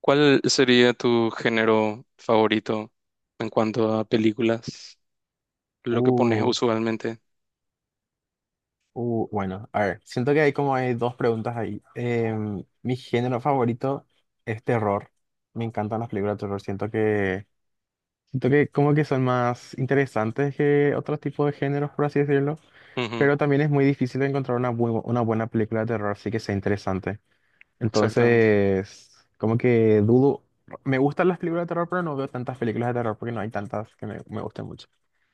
¿Cuál sería tu género favorito en cuanto a películas? Lo que pones Uh, usualmente. Bueno, a ver, siento que hay como hay dos preguntas ahí. Mi género favorito es terror. Me encantan las películas de terror. Siento que como que son más interesantes que otros tipos de géneros, por así decirlo. Ujú, Pero también es muy difícil encontrar una buena película de terror, así que sea interesante. exactamente. Entonces, como que dudo. Me gustan las películas de terror, pero no veo tantas películas de terror porque no hay tantas que me gusten mucho.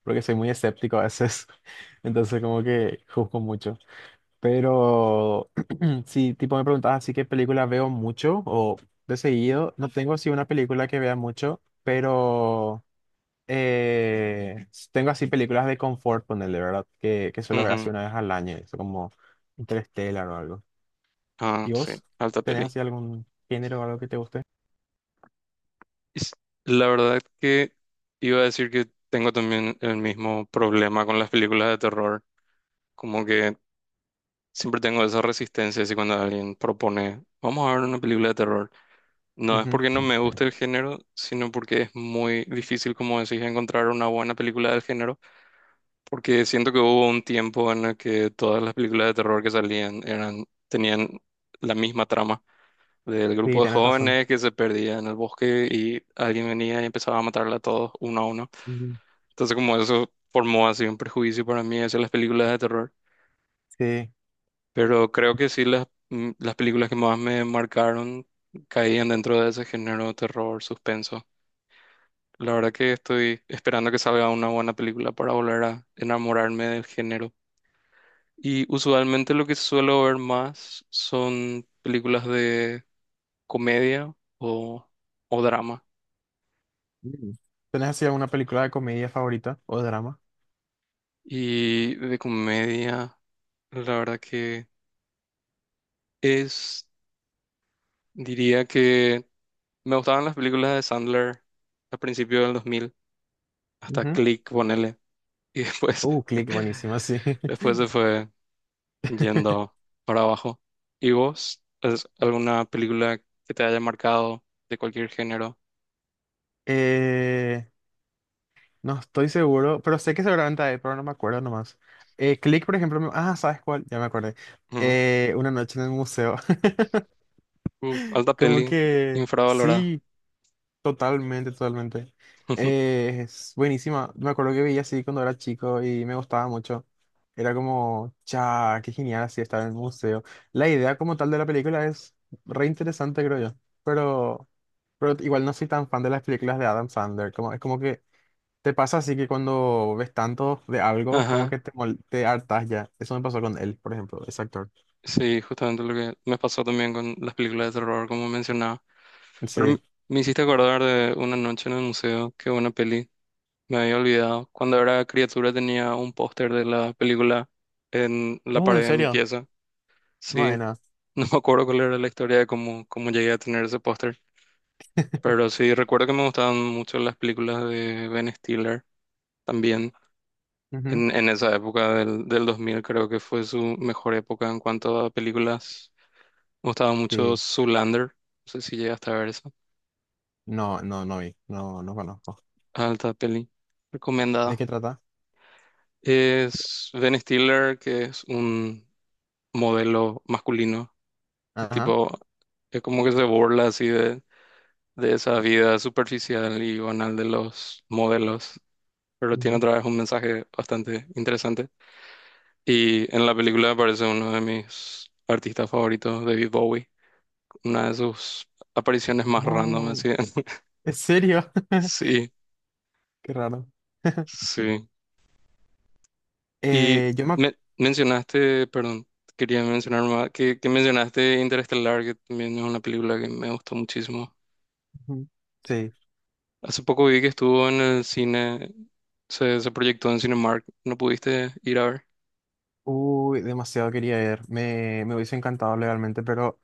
Porque soy muy escéptico a veces. Entonces, como que juzgo mucho. Pero si tipo me preguntabas así qué película veo mucho o de seguido, no tengo así una película que vea mucho, pero eh, tengo así películas de confort, ponerle, ¿verdad? Que suelo ver así Ujú. una vez al año, eso como Interstellar o algo. Ah, ¿Y sí, vos? alta ¿Tenés peli. así algún género o algo que te guste? Es- La verdad que iba a decir que tengo también el mismo problema con las películas de terror. Como que siempre tengo esa resistencia si cuando alguien propone, vamos a ver una película de terror. No es porque Ujú. no me guste el género, sino porque es muy difícil, como decís, encontrar una buena película del género. Porque siento que hubo un tiempo en el que todas las películas de terror que salían eran, tenían la misma trama del Sí, grupo de tenés razón. jóvenes que se perdía en el bosque y alguien venía y empezaba a matarla a todos uno a uno. Mm, Entonces como eso formó así un prejuicio para mí hacia las películas de terror. sí. Pero creo que sí las, las películas que más me marcaron caían dentro de ese género de terror, suspenso. La verdad que estoy esperando que salga una buena película para volver a enamorarme del género. Y usualmente lo que suelo ver más son películas de comedia o, o drama. Mm. ¿Tenés así alguna película de comedia favorita o drama? Y de comedia, la verdad que es, diría que me gustaban las películas de Sandler a principios del 2000, hasta Ujú. Click, ponele. Y después, Click, buenísima, sí. después se fue yendo para abajo. ¿Y vos? ¿Es alguna película que te haya marcado de cualquier género? Eh, no estoy seguro, pero sé que seguramente hay, pero no me acuerdo nomás. Click, por ejemplo, me- ah, ¿sabes cuál? Ya me acordé. Una noche en el museo. Uf, alta Como peli, que infravalorada. sí. Totalmente, totalmente. Es buenísima. Me acuerdo que veía así cuando era chico y me gustaba mucho. Era como, cha, qué genial así estar en el museo. La idea como tal de la película es re interesante, creo yo. Pero, pero igual no soy tan fan de las películas de Adam Sandler. Como, es como que te pasa así que cuando ves tanto de algo, como Ajá, que te hartas ya. Eso me pasó con él, por ejemplo, ese actor. sí, justamente lo que me pasó también con las películas de terror, como mencionaba. Pero Sí. me hiciste acordar de una noche en el museo, que una peli, me había olvidado. Cuando era criatura tenía un póster de la película en la ¿En pared de mi serio? pieza. Sí, Madena. no me acuerdo cuál era la historia de cómo, cómo llegué a tener ese póster. Pero sí, recuerdo que me gustaban mucho las películas de Ben Stiller también. Ujú. En esa época del 2000 creo que fue su mejor época en cuanto a películas. Me gustaba mucho Sí. Zoolander, no sé si llegaste a ver esa. No, no, no vi. No, no conozco. Alta peli, ¿De recomendada. qué trata? Es Ben Stiller, que es un modelo masculino y Ajá. tipo, es como que se burla así de esa vida superficial y banal de los modelos, pero tiene Ujú. otra vez un mensaje bastante interesante. Y en la película aparece uno de mis artistas favoritos, David Bowie. Una de sus apariciones más random, Oh, así. ¿en serio? Sí, Qué raro. sí. Y Yo me ac- mencionaste, perdón, quería mencionar más, que mencionaste Interestelar, que también es una película que me gustó muchísimo. ujú, sí. Hace poco vi que estuvo en el cine, se proyectó en Cinemark, ¿no pudiste ir a ver? Uy, demasiado quería ir. Me hubiese encantado legalmente, pero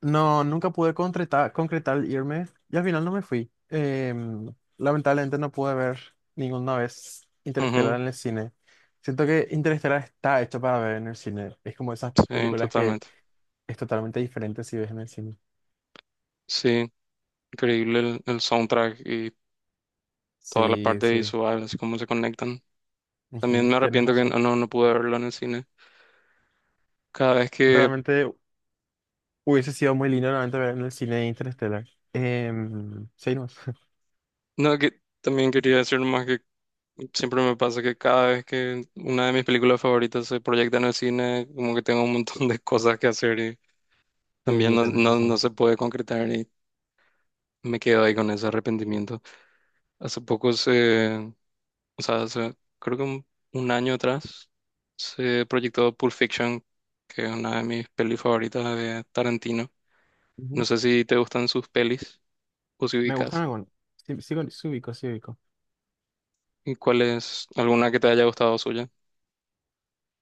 no, nunca pude concretar el irme y al final no me fui. Lamentablemente no pude ver ninguna vez Ujú, Interestelar en el cine. Siento que Interestelar está hecho para ver en el cine. Es como esas sí, películas que totalmente. es totalmente diferente si ves en el cine. Sí, increíble el soundtrack y toda la Sí, parte sí. visual, así como se conectan. También Ujú, me tienes arrepiento que no, razón. no, no pude verlo en el cine. Cada vez que Realmente hubiese sido muy lindo realmente ver en el cine de Interstellar. Sí, no. no, que también quería decir nomás que siempre me pasa que cada vez que una de mis películas favoritas se proyecta en el cine, como que tengo un montón de cosas que hacer y también Sí, no, tenés no, no razón. se puede concretar y me quedo ahí con ese arrepentimiento. Hace poco se, o sea, creo que un año atrás se proyectó Pulp Fiction, que es una de mis pelis favoritas de Tarantino. No Ujú. sé si te gustan sus pelis o si Me gustan ubicas. algunos. Sí, sí, sí ubico, sí ubico. ¿Y cuál es alguna que te haya gustado suya?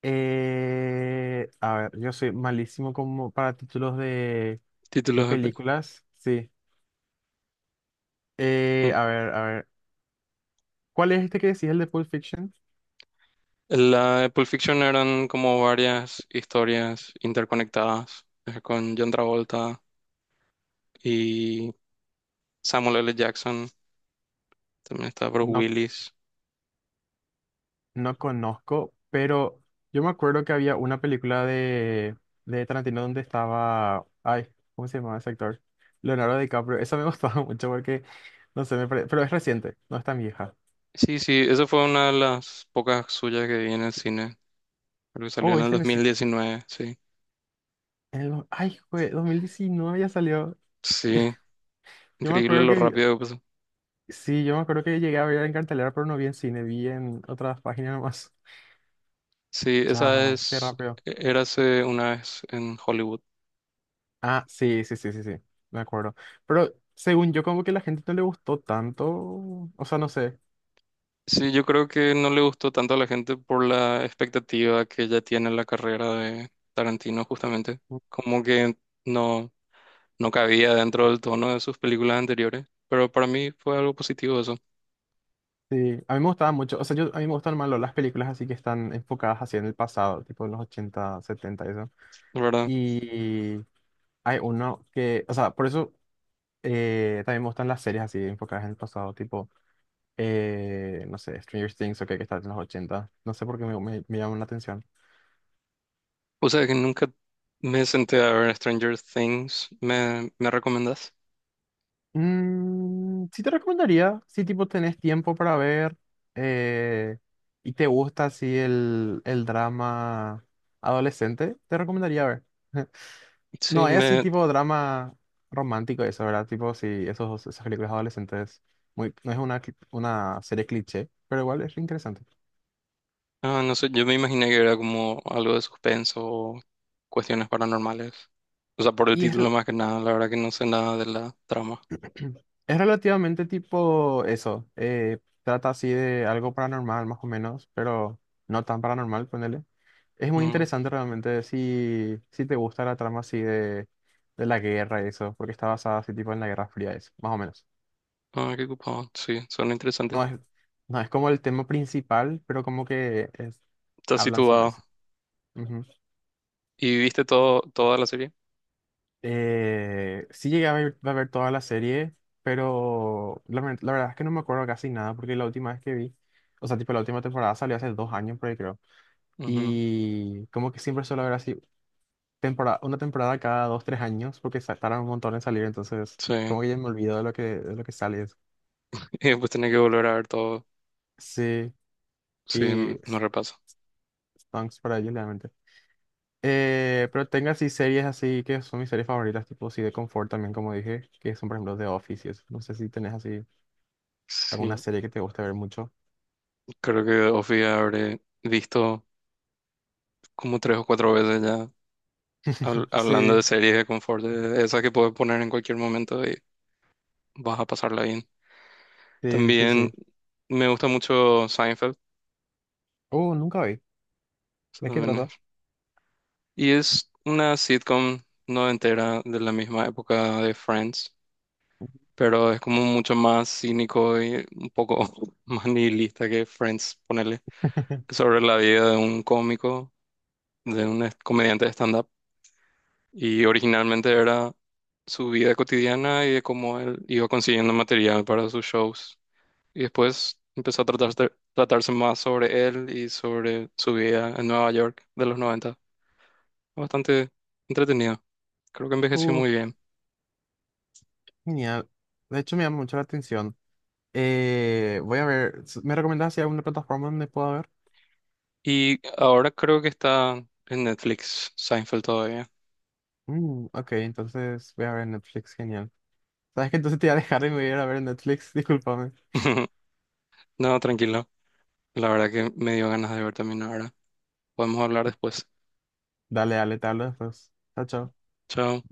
A ver, yo soy malísimo como para títulos de Títulos de peli. películas. Sí. A ver, a ver. ¿Cuál es este que decís, el de Pulp Fiction? La de Pulp Fiction eran como varias historias interconectadas con John Travolta y Samuel L. Jackson. También está Bruce No, Willis. no conozco, pero yo me acuerdo que había una película de Tarantino donde estaba. Ay, ¿cómo se llamaba ese actor? Leonardo DiCaprio. Esa me gustaba mucho porque, no sé, me pare- pero es reciente, no es tan vieja. Sí, sí, esa fue una de las pocas suyas que vi en el cine. Creo que salió Oh, en el este en el, ci- 2019, sí. en el do- Ay, fue 2019 ya salió. Sí, Yo me increíble acuerdo lo que vi- rápido que pasó. Sí, yo me acuerdo que llegué a ver en cartelera, pero no vi en cine, vi en otras páginas nomás. Sí, esa Chao, qué es rápido. Érase una vez en Hollywood. Ah, sí, sí, sí, sí, sí, me acuerdo. Pero según yo, como que la gente no le gustó tanto, o sea, no sé, Sí, yo creo que no le gustó tanto a la gente por la expectativa que ya tiene la carrera de Tarantino, justamente. Como que no, no cabía dentro del tono de sus películas anteriores. Pero para mí fue algo positivo eso, sí, a mí me gustaban mucho, o sea, yo, a mí me gustan más las películas así que están enfocadas así en el pasado, tipo en los 80 70 y eso. la verdad. Y hay uno que, o sea, por eso también me gustan las series así enfocadas en el pasado, tipo, no sé, Stranger Things o que está en los 80 no sé por qué me llaman la atención. O sea, que nunca me senté a ver Stranger Things. ¿Me, me recomendás? Sí te recomendaría, si tipo tenés tiempo para ver eh, y te gusta así el drama adolescente, te recomendaría ver. Sí, No, es así me, tipo drama romántico eso, ¿verdad? Tipo, sí, esas películas adolescentes, muy, no es una serie cliché, pero igual es interesante. ah, no sé, yo me imaginé que era como algo de suspenso o cuestiones paranormales. O sea, por el Y es, título rel- más que nada, la verdad que no sé nada de la trama. es relativamente tipo eso, trata así de algo paranormal más o menos, pero no tan paranormal, ponele. Es muy Mm. interesante realmente si, te gusta la trama así de la guerra y eso, porque está basada así tipo en la Guerra Fría, eso, más o menos. Ah, qué ocupado. Sí, suena interesante. No es, no es como el tema principal, pero como que es- Estás hablan sobre situado. eso. Ujú. ¿Y viste todo, toda la serie? Sí llegué a ver toda la serie, pero la verdad es que no me acuerdo casi nada, porque la última vez que vi, o sea, tipo la última temporada salió hace 2 años, por ahí creo, Ujú, y como que siempre suelo ver así temporada, una temporada cada dos, tres años, porque tardan un montón en salir, entonces sí. como que ya me olvido de lo que sale. Eso. Y después tenés que volver a ver todo. Sí, Sí, y no repaso. thanks para ellos, realmente. Pero tengo así series así que son mis series favoritas, tipo así de confort también, como dije, que son por ejemplo The Office y eso. No sé si tenés así. ¿Alguna Sí, serie que te guste ver mucho? creo que Ofi habré visto como tres o cuatro veces ya hablando de Sí, series de confort, de esas que puedes poner en cualquier momento y vas a pasarla bien. sí, sí, También sí. me gusta mucho Seinfeld. Nunca vi. eso ¿De qué también trata? es- Y es una sitcom no entera de la misma época de Friends. Pero es como mucho más cínico y un poco más nihilista que Friends, ponerle, sobre la vida de un cómico, de un comediante de stand-up. Y originalmente era su vida cotidiana y de cómo él iba consiguiendo material para sus shows. Y después empezó a tratarse más sobre él y sobre su vida en Nueva York de los noventa. Bastante entretenido. Creo que envejeció Uh, muy bien. Genial. De hecho, me llama mucho la atención. Voy a ver. ¿Me recomendás si hay alguna plataforma donde pueda ver? Y ahora creo que está en Netflix, Seinfeld todavía. Mm, ok, entonces voy a ver Netflix. Genial. ¿Sabes qué? Entonces te voy a dejar y me voy a ir a ver Netflix. Discúlpame. No, tranquilo. La verdad que me dio ganas de ver también ahora. Podemos hablar después. Dale, dale, te hablo después. Chao, chao. Chao.